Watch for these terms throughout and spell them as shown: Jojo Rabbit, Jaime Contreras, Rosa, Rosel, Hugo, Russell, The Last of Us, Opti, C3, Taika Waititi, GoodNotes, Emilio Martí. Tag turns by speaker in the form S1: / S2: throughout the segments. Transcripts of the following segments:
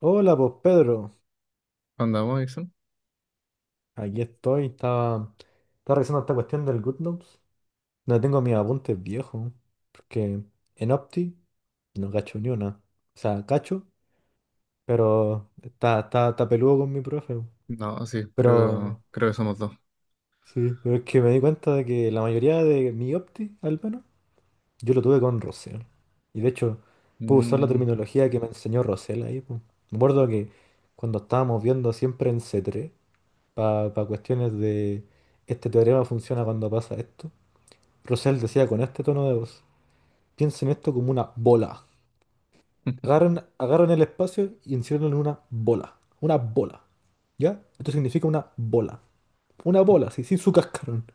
S1: Hola, pues Pedro,
S2: ¿Andamos, Dixon?
S1: aquí estoy. Estaba revisando esta cuestión del GoodNotes. No tengo mis apuntes viejos, porque en Opti no cacho ni una. O sea, cacho, pero está peludo con mi profe.
S2: No, sí,
S1: Pero
S2: creo que somos dos.
S1: sí, pero es que me di cuenta de que la mayoría de mi Opti, al menos, yo lo tuve con Rosel. Y de hecho, pude usar la
S2: Mm.
S1: terminología que me enseñó Rosel ahí, po. Me acuerdo que cuando estábamos viendo siempre en C3, para cuestiones de este teorema funciona cuando pasa esto. Russell decía con este tono de voz, piensen esto como una bola. Agarren, agarren el espacio y enciérrenlo en una bola. Una bola. ¿Ya? Esto significa una bola. Una bola, sí, sin su cascarón.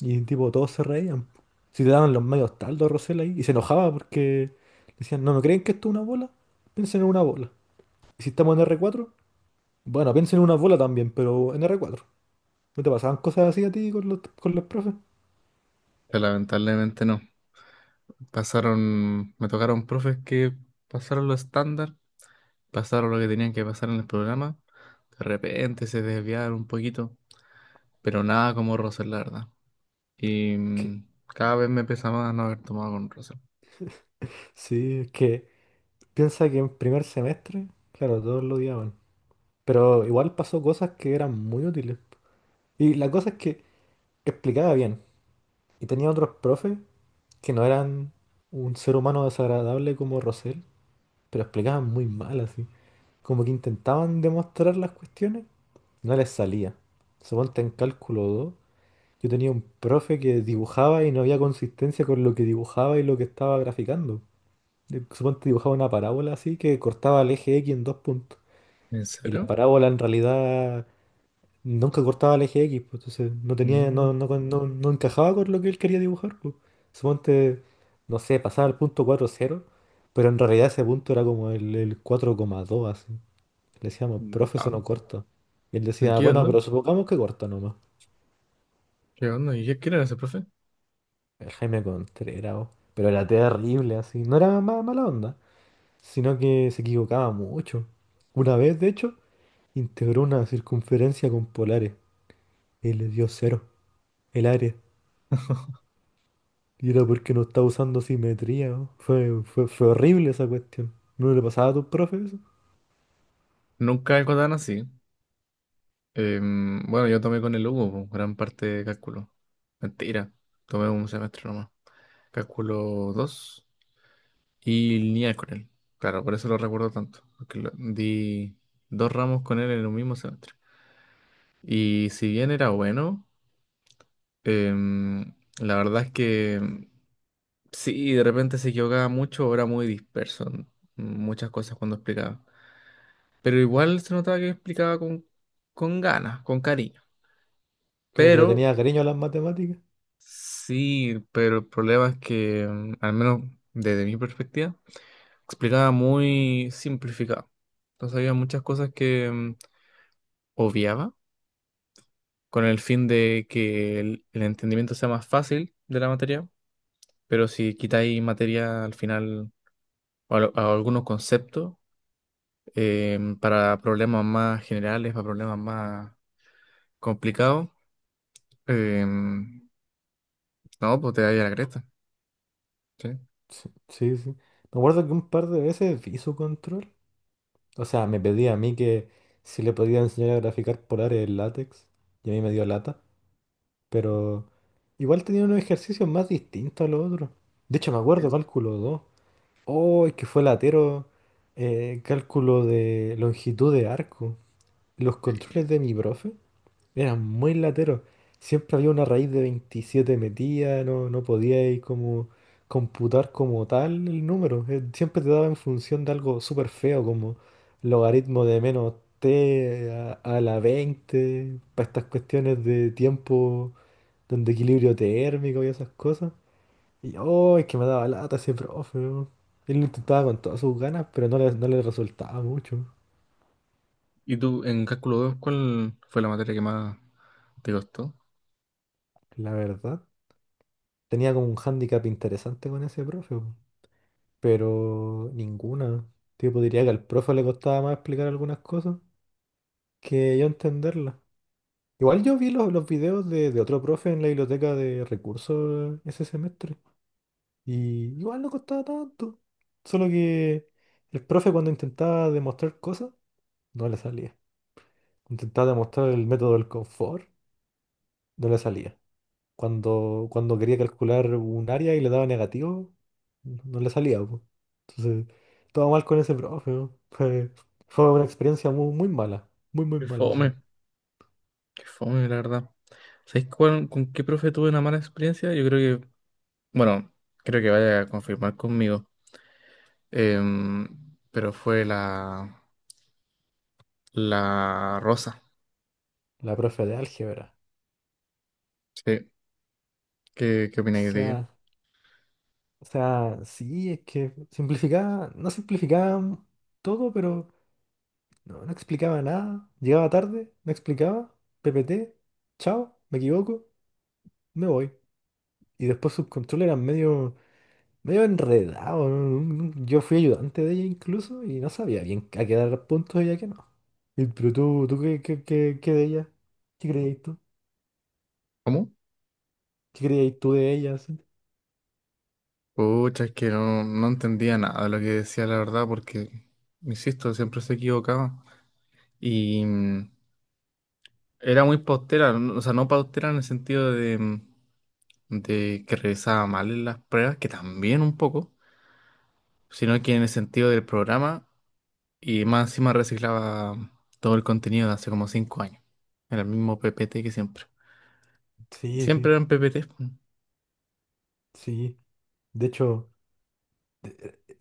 S1: Y tipo, todos se reían. Si te daban los medios taldos a Rosell ahí. Y se enojaba porque decían, no, ¿no creen que esto es una bola? Piensen en una bola. Y si estamos en r cuatro, bueno, piensen en una bola también, pero en r cuatro. ¿No te pasaban cosas así a ti con los profes?
S2: Pero lamentablemente no. Pasaron, me tocaron profes que pasaron lo estándar, pasaron lo que tenían que pasar en el programa. De repente se desviaron un poquito, pero nada como Russell, la verdad. Y
S1: Que
S2: cada vez me pesa más no haber tomado con Russell.
S1: Sí, es que piensa que en primer semestre, claro, todos lo odiaban. Pero igual pasó cosas que eran muy útiles. Y la cosa es que explicaba bien. Y tenía otros profes que no eran un ser humano desagradable como Rosel, pero explicaban muy mal así. Como que intentaban demostrar las cuestiones, no les salía. Suponte en cálculo 2 yo tenía un profe que dibujaba y no había consistencia con lo que dibujaba y lo que estaba graficando. Suponte dibujaba una parábola así que cortaba el eje X en dos puntos.
S2: ¿En
S1: Y la
S2: serio?
S1: parábola en realidad nunca cortaba el eje X, pues, entonces no tenía, no,
S2: Mm,
S1: no, no, no encajaba con lo que él quería dibujar, pues. Suponte, no sé, pasaba al punto cuatro coma cero, pero en realidad ese punto era como el cuatro coma dos así. Le decíamos, profe, eso no
S2: wow.
S1: corta. Y él decía,
S2: ¿Qué
S1: bueno,
S2: onda?
S1: pero supongamos que corta nomás.
S2: ¿Qué onda? ¿Y quién era ese profe?
S1: El Jaime Contreras, oh, pero era terrible así. No era mala onda, sino que se equivocaba mucho. Una vez, de hecho, integró una circunferencia con polares y le dio cero el área. Y era porque no estaba usando simetría, ¿no? Fue horrible esa cuestión. ¿No le pasaba a tus profes eso?
S2: Nunca algo tan así. Bueno, yo tomé con el Hugo, po, gran parte de cálculo. Mentira, tomé un semestre nomás. Cálculo 2 y lineal con él. Claro, por eso lo recuerdo tanto, porque di dos ramos con él en un mismo semestre. Y si bien era bueno, la verdad es que sí, de repente se equivocaba mucho, o era muy disperso en muchas cosas cuando explicaba. Pero igual se notaba que explicaba con ganas, con cariño.
S1: Como que
S2: Pero
S1: le tenía cariño a las matemáticas.
S2: sí, pero el problema es que, al menos desde mi perspectiva, explicaba muy simplificado. Entonces había muchas cosas que obviaba con el fin de que el entendimiento sea más fácil de la materia, pero si quitáis materia al final o a algunos conceptos para problemas más generales, para problemas más complicados, em, no, pues te da a la cresta. ¿Sí?
S1: Sí, sí, sí. Me acuerdo que un par de veces hizo control. O sea, me pedía a mí que si le podía enseñar a graficar polares en látex. Y a mí me dio lata. Pero igual tenía unos ejercicios más distintos a los otros. De hecho, me acuerdo cálculo 2. Oh, es que fue latero. Cálculo de longitud de arco. Los controles de mi profe eran muy lateros. Siempre había una raíz de 27 metida, no podíais como computar como tal el número. Siempre te daba en función de algo súper feo, como logaritmo de menos t a la 20 para estas cuestiones de tiempo, donde equilibrio térmico y esas cosas. Y oh, es que me daba lata ese profe, weón. Él lo intentaba con todas sus ganas, pero no le resultaba mucho,
S2: ¿Y tú en cálculo 2 cuál fue la materia que más te costó?
S1: la verdad. Tenía como un hándicap interesante con ese profe, weón, pero ninguna. Tipo, diría que al profe le costaba más explicar algunas cosas que yo entenderlas. Igual yo vi los videos de otro profe en la biblioteca de recursos ese semestre. Y igual no costaba tanto. Solo que el profe cuando intentaba demostrar cosas, no le salía. Intentaba demostrar el método del confort, no le salía. Cuando quería calcular un área y le daba negativo, no le salía, po. Entonces, todo mal con ese profe, ¿no? Fue una experiencia muy, muy
S2: Qué
S1: mala, sí.
S2: fome, qué fome, la verdad. ¿Sabes con qué profe tuve una mala experiencia? Yo creo que, bueno, creo que vaya a confirmar conmigo. Em, pero fue la, Rosa.
S1: La profe de álgebra.
S2: Sí, ¿qué
S1: O
S2: opináis de ella?
S1: sea, o sea, sí, es que simplificaba, no simplificaba todo, pero no explicaba nada. Llegaba tarde, no explicaba, PPT, chao, me equivoco, me voy. Y después sus controles eran medio enredado, ¿no? Yo fui ayudante de ella incluso y no sabía bien a qué dar puntos y a qué no. Pero tú, ¿tú qué de ella? ¿Qué creías tú?
S2: ¿Cómo?
S1: ¿Qué creías tú de ella así?
S2: Pucha, es que no, no entendía nada de lo que decía, la verdad, porque, insisto, siempre se equivocaba. Y era muy paustera, o sea, no paustera en el sentido de que revisaba mal en las pruebas, que también un poco, sino que en el sentido del programa y más encima reciclaba todo el contenido de hace como 5 años. Era el mismo PPT que siempre. Y
S1: Sí,
S2: siempre
S1: sí,
S2: eran PPT.
S1: sí. De hecho,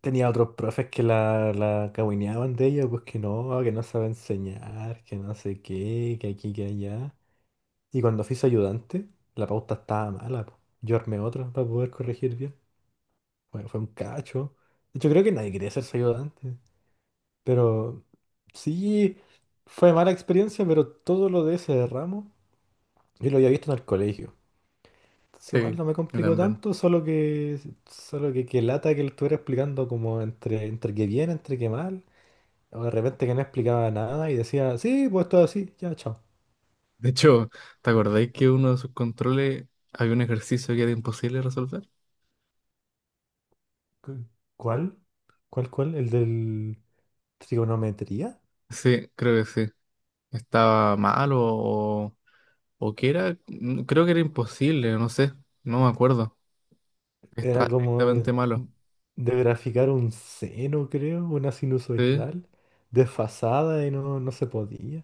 S1: tenía otros profes que la cahuineaban de ella, pues que no sabe enseñar, que no sé qué, que aquí, que allá. Y cuando fui su ayudante, la pauta estaba mala, po. Yo armé otra para poder corregir bien. Bueno, fue un cacho. De hecho, creo que nadie quería ser su ayudante. Pero sí, fue mala experiencia, pero todo lo de ese ramo yo lo había visto en el colegio. Entonces igual
S2: Sí,
S1: no me
S2: yo
S1: complicó
S2: también.
S1: tanto, solo que, que lata que lo estuviera explicando como entre que bien, entre que mal. O de repente que no explicaba nada y decía, sí, pues todo así, ya, chao.
S2: De hecho, ¿te acordáis que uno de sus controles había un ejercicio que era imposible resolver?
S1: Cu- ¿Cuál? ¿Cuál? ¿El del trigonometría?
S2: Sí, creo que sí. Estaba mal o que era, creo que era imposible, no sé, no me acuerdo. Estaba
S1: Era como de,
S2: directamente malo.
S1: de graficar un seno, creo, una
S2: Sí.
S1: sinusoidal, desfasada y no se podía.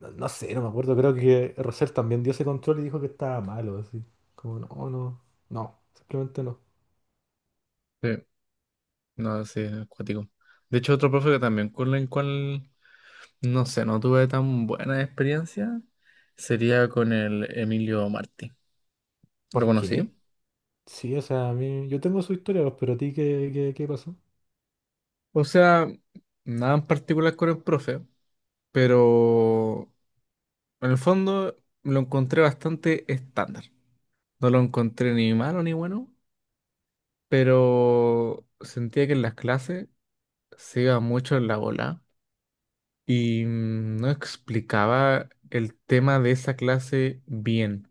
S1: No, no sé, no me acuerdo. Creo que Rosell también dio ese control y dijo que estaba malo, así. Como, no, no, no, simplemente no.
S2: Sí. No, sí, es acuático. De hecho, otro profe que también con el cual, no sé, no tuve tan buena experiencia sería con el Emilio Martí. ¿Lo
S1: ¿Por
S2: conocí?
S1: qué? Sí, o sea, a mí, yo tengo su historia, pues, pero a ti, ¿qué pasó?
S2: O sea, nada en particular con el profe, pero en el fondo lo encontré bastante estándar. No lo encontré ni malo ni bueno, pero sentía que en las clases se iba mucho en la bola y no explicaba el tema de esa clase bien.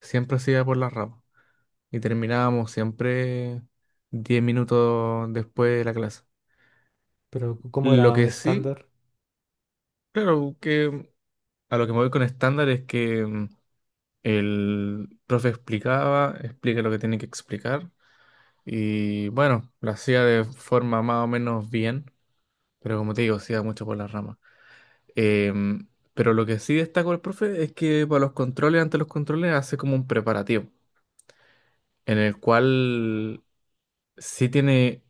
S2: Siempre se iba por las ramas y terminábamos siempre 10 minutos después de la clase.
S1: Pero, ¿cómo
S2: Lo
S1: era?
S2: que sí,
S1: ¿Estándar?
S2: claro, que a lo que me voy con estándar es que el profe explicaba, explica lo que tiene que explicar y bueno, lo hacía de forma más o menos bien, pero como te digo, se iba mucho por las ramas. Em, pero lo que sí destaco el profe es que para los controles, ante los controles, hace como un preparativo en el cual sí tiene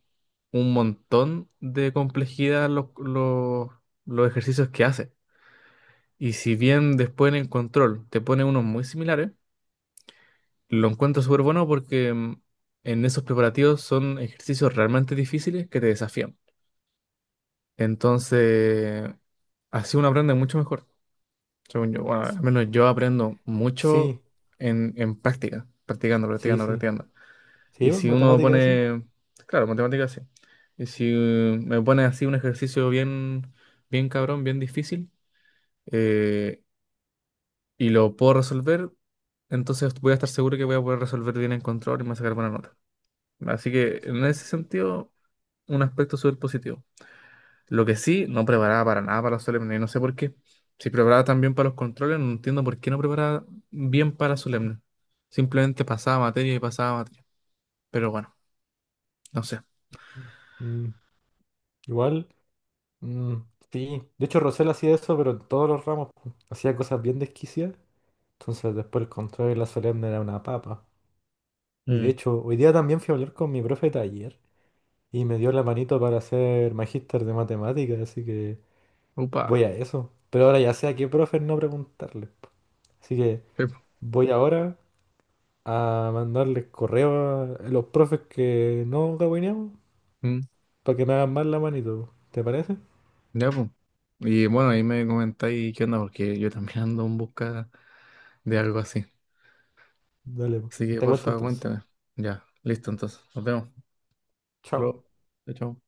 S2: un montón de complejidad los, los ejercicios que hace. Y si bien después en el control te pone unos muy similares, lo encuentro súper bueno porque en esos preparativos son ejercicios realmente difíciles que te desafían. Entonces, así uno aprende mucho mejor. Según yo, bueno,
S1: S-
S2: al menos yo aprendo mucho
S1: Sí,
S2: en práctica, practicando,
S1: sí,
S2: practicando,
S1: sí.
S2: practicando.
S1: ¿Sí?
S2: Y
S1: Pues,
S2: si uno
S1: ¿matemáticas? Sí.
S2: pone, claro, matemáticas sí. Y si me pone así un ejercicio bien, bien cabrón, bien difícil, eh, y lo puedo resolver, entonces voy a estar seguro que voy a poder resolver bien en control y me voy a sacar buena nota. Así que en
S1: Sí.
S2: ese sentido, un aspecto súper positivo. Lo que sí, no preparaba para nada para los solemnes, y no sé por qué. Si preparaba tan bien para los controles, no entiendo por qué no preparaba bien para solemnes. Simplemente pasaba materia y pasaba materia. Pero bueno, no sé.
S1: Mm, igual, mm, sí. De hecho, Rosell hacía eso, pero en todos los ramos, pues. Hacía cosas bien desquiciadas. Entonces, después el control de la solemne era una papa. Y de
S2: Mm.
S1: hecho, hoy día también fui a hablar con mi profe de taller, y me dio la manito para ser magíster de matemáticas, así que
S2: Upa.
S1: voy a eso. Pero ahora ya sé a qué profe no preguntarle, po. Así que voy ahora a mandarles correo a los profes que no cabineamos
S2: Mm,
S1: para que me hagan más la manito, po. ¿Te parece?
S2: ya, pues. Y bueno, ahí me comentáis qué onda, porque yo también ando en busca de algo así.
S1: Dale, po.
S2: Así que
S1: Te
S2: por
S1: cuento
S2: favor
S1: entonces.
S2: cuéntame. Ya, listo entonces. Nos vemos. Hasta
S1: Chao.
S2: luego. Chao. Chao.